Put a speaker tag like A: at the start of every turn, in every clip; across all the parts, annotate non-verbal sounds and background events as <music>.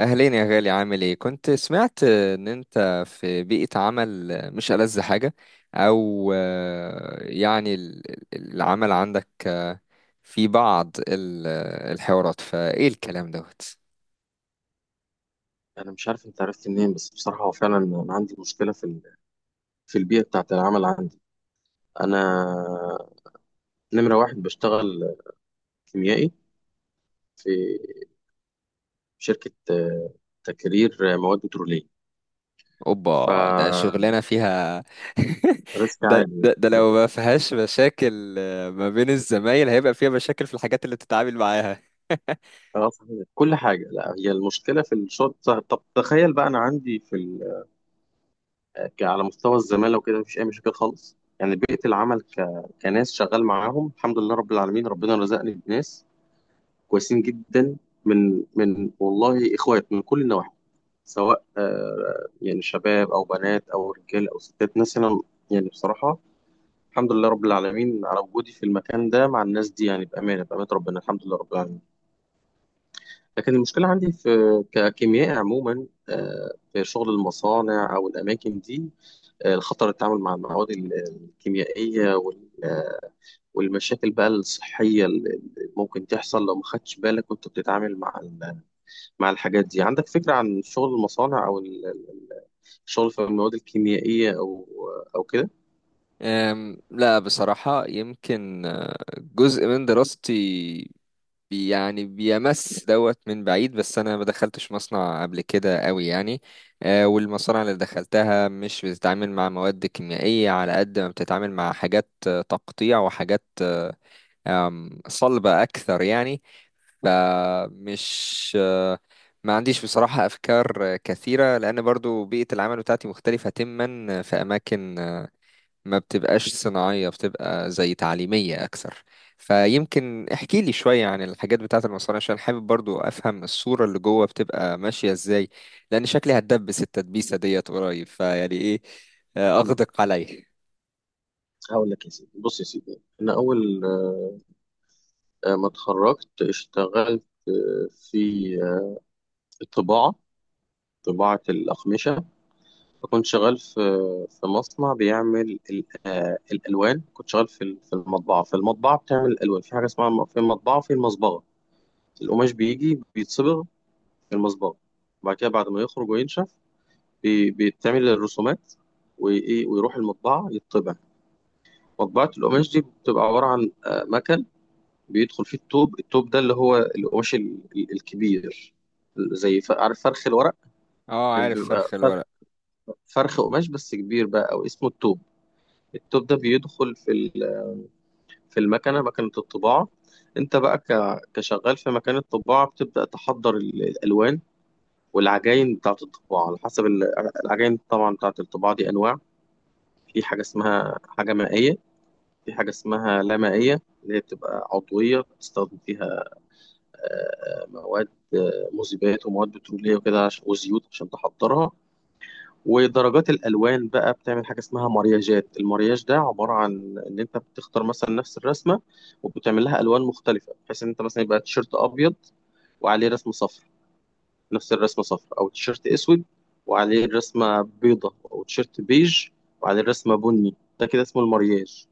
A: أهلين يا غالي، عامل إيه؟ كنت سمعت إن أنت في بيئة عمل مش ألذ حاجة. أو يعني العمل عندك، في بعض الحوارات، فإيه الكلام دوت؟
B: انا مش عارف انت عرفت منين، بس بصراحه هو فعلا انا عندي مشكله في البيئه بتاعه العمل عندي. انا نمره واحد بشتغل كيميائي في شركه تكرير مواد بتروليه
A: أوبا، ده
B: فريسك
A: شغلانة فيها. <laughs> ده,
B: عالي.
A: ده, ده لو ما فيهاش مشاكل، ما بين الزمايل هيبقى فيها مشاكل في الحاجات اللي بتتعامل معاها.
B: اه، صحيح كل حاجه. لا، هي المشكله في الشغل. طب تخيل بقى، انا عندي على مستوى الزماله وكده مفيش اي مشاكل خالص، يعني بيئه العمل كناس شغال معاهم الحمد لله رب العالمين. ربنا رزقني بناس كويسين جدا، من والله اخوات من كل النواحي، سواء يعني شباب او بنات او رجال او ستات مثلا. يعني بصراحه الحمد لله رب العالمين على وجودي في المكان ده مع الناس دي، يعني بامانه بامانه ربنا الحمد لله رب العالمين. لكن المشكله عندي في ككيمياء عموما، في شغل المصانع او الاماكن دي، الخطر التعامل مع المواد الكيميائيه والمشاكل بقى الصحيه اللي ممكن تحصل لو ما خدتش بالك وانت بتتعامل مع مع الحاجات دي. عندك فكرة عن شغل المصانع أو الشغل في المواد الكيميائية أو كده؟
A: لا بصراحة، يمكن جزء من دراستي يعني بيمس دوت من بعيد، بس انا ما دخلتش مصنع قبل كده قوي يعني. والمصانع اللي دخلتها مش بتتعامل مع مواد كيميائية على قد ما بتتعامل مع حاجات تقطيع، وحاجات آه، آم، صلبة اكثر يعني. فمش آه، ما عنديش بصراحة أفكار كثيرة، لأن برضو بيئة العمل بتاعتي مختلفة تماما في أماكن ما بتبقاش صناعية، بتبقى زي تعليمية أكثر. فيمكن احكي لي شوية عن الحاجات بتاعة المصانع، عشان حابب برضو أفهم الصورة اللي جوه بتبقى ماشية إزاي. لأن شكلي هتدبس التدبيسة ديت قريب، فيعني إيه،
B: مم.
A: أغدق عليه.
B: هقول لك يا سيدي. بص يا سيدي، أنا أول ما اتخرجت اشتغلت في الطباعة، طباعة الأقمشة. كنت شغال في مصنع بيعمل الألوان. كنت شغال في المطبعة بتعمل الألوان، في حاجة اسمها في المطبعة، في المصبغة. القماش بيجي بيتصبغ في المصبغة، وبعد كده بعد ما يخرج وينشف بيتعمل الرسومات، وايه، ويروح المطبعه يطبع. مطبعه القماش دي بتبقى عباره عن مكن بيدخل فيه الطوب ده اللي هو القماش الكبير، زي عارف فرخ الورق؟
A: اه، عارف
B: بيبقى
A: فرخ
B: فرخ
A: الورق.
B: فرخ قماش بس كبير بقى، او اسمه الطوب. الطوب ده بيدخل في المكنه، مكنه الطباعه. انت بقى كشغال في مكان الطباعه بتبدا تحضر الالوان والعجاين بتاعه الطباعه على حسب العجاين. طبعا بتاعه الطباعه دي انواع. في حاجه اسمها حاجه مائيه، في حاجة اسمها لا مائية اللي هي بتبقى عضوية بتستخدم فيها مواد، مذيبات ومواد بترولية وكده وزيوت عشان تحضرها. ودرجات الألوان بقى بتعمل حاجة اسمها مرياجات. المرياج ده عبارة عن إن أنت بتختار مثلا نفس الرسمة وبتعمل لها ألوان مختلفة، بحيث إن أنت مثلا يبقى تيشيرت أبيض وعليه رسمة صفر، نفس الرسمة صفر، أو تيشيرت أسود وعليه رسمة بيضة، أو تيشيرت بيج وعليه رسمة بني. ده كده اسمه المرياج.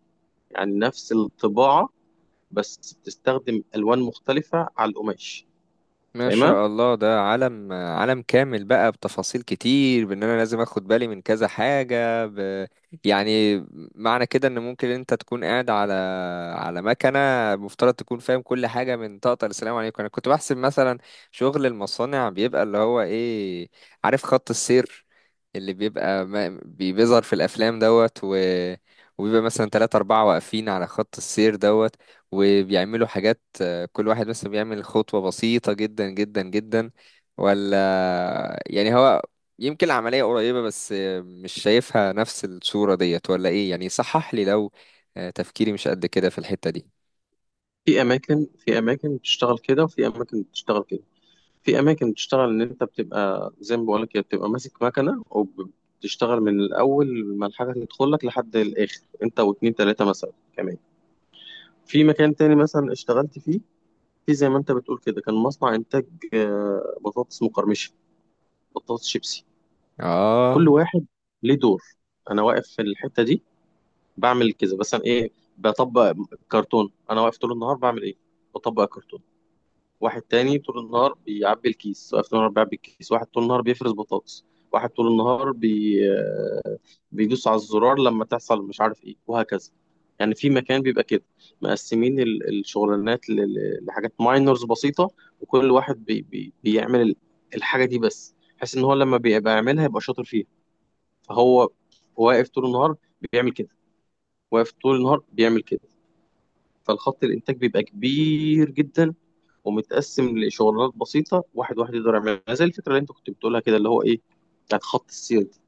B: يعني نفس الطباعة بس بتستخدم الوان مختلفه على القماش.
A: ما
B: فاهمها؟
A: شاء الله، ده عالم، عالم كامل بقى بتفاصيل كتير. بان انا لازم اخد بالي من كذا حاجة يعني، معنى كده ان ممكن انت تكون قاعد على مكنة، مفترض تكون فاهم كل حاجة من طاقة السلام عليكم. انا كنت بحسب مثلا شغل المصانع بيبقى اللي هو ايه، عارف، خط السير اللي بيبقى ما... بي- بيظهر في الافلام دوت، وبيبقى مثلا تلاتة أربعة واقفين على خط السير دوت، وبيعملوا حاجات. كل واحد بس بيعمل خطوة بسيطة جدا جدا جدا. ولا يعني، هو يمكن العملية قريبة، بس مش شايفها نفس الصورة ديت ولا ايه؟ يعني صحح لي لو تفكيري مش قد كده في الحتة دي.
B: في اماكن، في اماكن بتشتغل كده وفي اماكن بتشتغل كده. في اماكن بتشتغل ان انت بتبقى زي ما بقول لك، بتبقى ماسك مكنه وبتشتغل من الاول، ما الحاجه تدخل لك لحد الاخر، انت واتنين تلاته مثلا كمان. في مكان تاني مثلا اشتغلت فيه، في، زي ما انت بتقول كده، كان مصنع انتاج بطاطس مقرمشه، بطاطس شيبسي. كل
A: اه،
B: واحد ليه دور. انا واقف في الحته دي بعمل كذا، مثلا ايه؟ بطبق كرتون. انا واقف طول النهار بعمل ايه؟ بطبق كرتون. واحد تاني طول النهار بيعبي الكيس، واقف طول النهار بيعبي الكيس. واحد طول النهار بيفرز بطاطس، واحد طول النهار بي... آه، بيدوس على الزرار لما تحصل مش عارف ايه وهكذا. يعني في مكان بيبقى كده مقسمين الشغلانات لحاجات ماينرز بسيطة، وكل واحد بيعمل الحاجة دي بس، بحيث ان هو لما بيبقى يعملها يبقى شاطر فيها. فهو واقف طول النهار بيعمل كده، واقف طول النهار بيعمل كده. فالخط الانتاج بيبقى كبير جدا ومتقسم لشغلانات بسيطه، واحد واحد يقدر يعملها، زي الفكره اللي انت كنت بتقولها كده اللي هو ايه، بتاعت خط السير دي.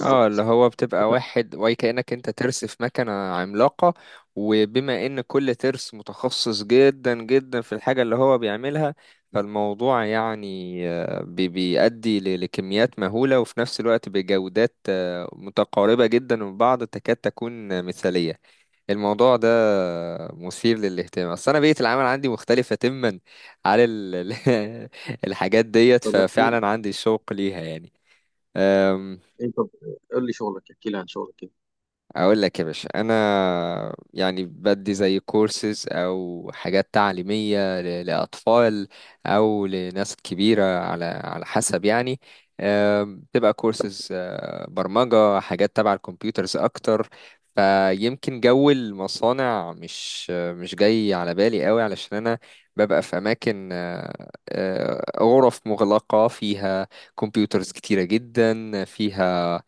A: اه، اللي هو بتبقى واحد، وهي كأنك انت ترس في مكنة عملاقة. وبما ان كل ترس متخصص جدا جدا في الحاجة اللي هو بيعملها، فالموضوع يعني بيؤدي لكميات مهولة، وفي نفس الوقت بجودات متقاربة جدا من بعض، تكاد تكون مثالية. الموضوع ده مثير للاهتمام، اصل انا بيئة العمل عندي مختلفة تماما على <laughs> الحاجات ديت،
B: طب احكي لي
A: ففعلا عندي شوق ليها يعني.
B: انت، قول لي شغلك، احكي لي عن شغلك كده.
A: اقول لك يا باشا، انا يعني بدي زي كورسز او حاجات تعليميه لاطفال او لناس كبيره، على حسب يعني. بتبقى كورسز برمجه، حاجات تبع الكمبيوترز اكتر. فيمكن جو المصانع مش جاي على بالي قوي، علشان انا ببقى في اماكن غرف مغلقه فيها كمبيوترز كتيره جدا. فيها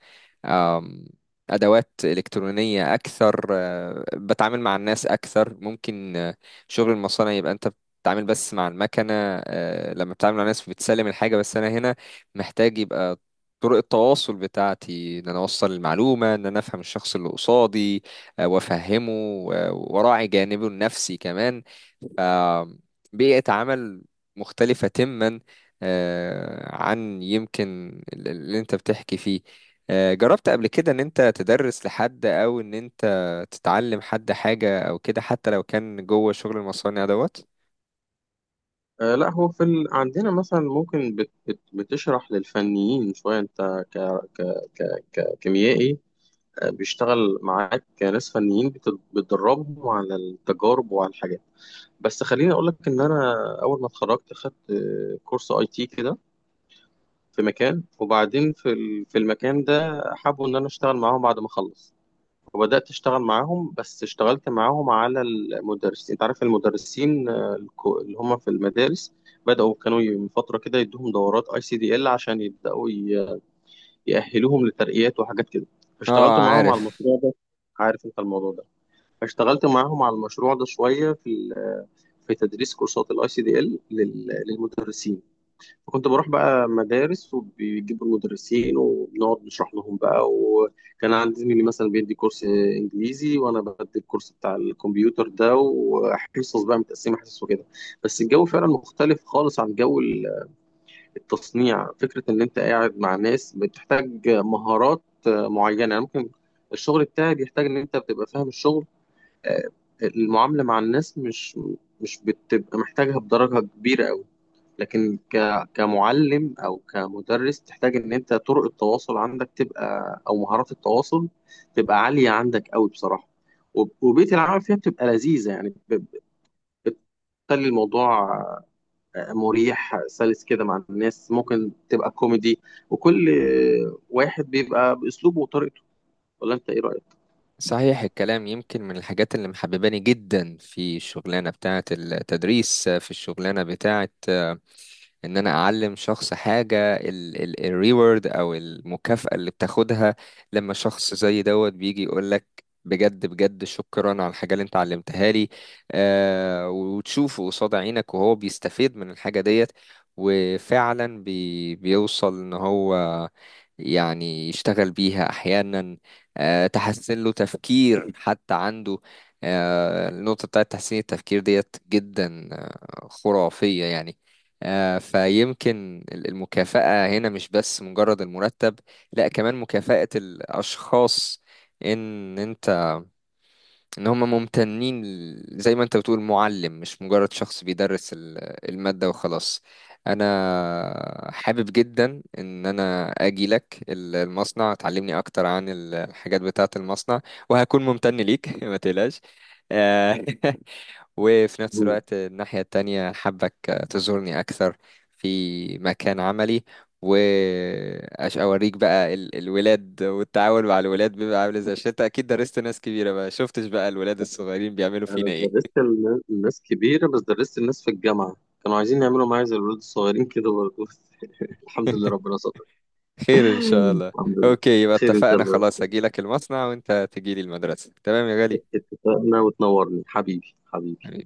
A: آم، أدوات إلكترونية أكثر، بتعامل مع الناس أكثر. ممكن شغل المصانع يبقى أنت بتتعامل بس مع المكنة، لما بتتعامل مع الناس بتسلم الحاجة بس. أنا هنا محتاج يبقى طرق التواصل بتاعتي إن أنا أوصل المعلومة، إن أنا أفهم الشخص اللي قصادي، وأفهمه وأراعي جانبه النفسي كمان. بيئة عمل مختلفة تماما عن يمكن اللي انت بتحكي فيه. جربت قبل كده ان انت تدرس لحد او ان انت تتعلم حد حاجة او كده، حتى لو كان جوه شغل المصانع دوت؟
B: لا، هو في ال... عندنا مثلا ممكن بتشرح للفنيين شويه، انت ك... ك... ككيميائي. بيشتغل معاك ناس فنيين بتدربهم على التجارب وعلى الحاجات. بس خليني اقول لك ان انا اول ما اتخرجت خدت كورس اي تي كده في مكان، وبعدين في المكان ده حابوا ان انا اشتغل معاهم بعد ما اخلص. وبدات اشتغل معاهم، بس اشتغلت معاهم على المدرسين. انت عارف المدرسين اللي هم في المدارس؟ بداوا كانوا من فتره كده يدوهم دورات اي سي دي ال عشان يبداوا يأهلوهم لترقيات وحاجات كده. فاشتغلت
A: اه،
B: معاهم على
A: عارف.
B: المشروع ده. عارف انت الموضوع ده؟ فاشتغلت معاهم على المشروع ده شويه، في تدريس كورسات الاي سي دي ال للمدرسين. فكنت بروح بقى مدارس وبيجيبوا المدرسين وبنقعد نشرح لهم بقى، وكان عندي زميلي مثلا بيدي كورس انجليزي وانا بدي الكورس بتاع الكمبيوتر ده، وحصص بقى متقسمه حصص وكده. بس الجو فعلا مختلف خالص عن جو التصنيع، فكره ان انت قاعد مع ناس بتحتاج مهارات معينه. يعني ممكن الشغل بتاعي بيحتاج ان انت بتبقى فاهم الشغل، آه، المعاملة مع الناس مش بتبقى محتاجها بدرجة كبيرة أوي. لكن كمعلم أو كمدرس تحتاج إن أنت طرق التواصل عندك تبقى، أو مهارات التواصل تبقى عالية عندك أوي بصراحة. وبيئة العمل فيها بتبقى لذيذة، يعني بتخلي الموضوع مريح سلس كده. مع الناس ممكن تبقى كوميدي، وكل واحد بيبقى بأسلوبه وطريقته. ولا أنت إيه رأيك؟
A: صحيح الكلام. يمكن من الحاجات اللي محبباني جدا في الشغلانة بتاعة التدريس، في الشغلانة بتاعة ان انا اعلم شخص حاجه، الريورد او المكافاه اللي بتاخدها لما شخص زي دوت بيجي يقول لك بجد بجد شكرا على الحاجه اللي انت علمتها لي. وتشوفه قصاد عينك وهو بيستفيد من الحاجه ديت، وفعلا بيوصل ان هو يعني يشتغل بيها احيانا. تحسن له تفكير حتى عنده. النقطه بتاعت تحسين التفكير ديت جدا خرافيه يعني. فيمكن المكافأة هنا مش بس مجرد المرتب، لا كمان مكافأة الأشخاص، إن أنت إن هم ممتنين زي ما أنت بتقول. معلم مش مجرد شخص بيدرس المادة وخلاص. أنا حابب جدا إن أنا أجي لك المصنع تعلمني أكتر عن الحاجات بتاعة المصنع، وهكون ممتن ليك. <laughs> ما تقلقش. آه، <laughs> وفي نفس الوقت الناحية التانية حابك تزورني أكثر في مكان عملي، وأوريك بقى الولاد، والتعامل مع الولاد بيبقى عامل ازاي. عشان انت أكيد درست ناس كبيرة بقى، شفتش بقى الولاد الصغيرين بيعملوا فينا
B: أنا
A: ايه؟
B: درست الناس كبيرة، بس درست الناس في الجامعة كانوا عايزين يعملوا معايا زي الولاد الصغيرين كده برضه <laughs> الحمد لله
A: <laughs>
B: ربنا ستر. <laughs>
A: خير إن شاء الله.
B: الحمد لله.
A: أوكي، يبقى
B: خير إن شاء
A: اتفقنا
B: الله.
A: خلاص، هجيلك المصنع وانت تجيلي المدرسة، تمام يا غالي.
B: اتفقنا وتنورني حبيبي حبيبي.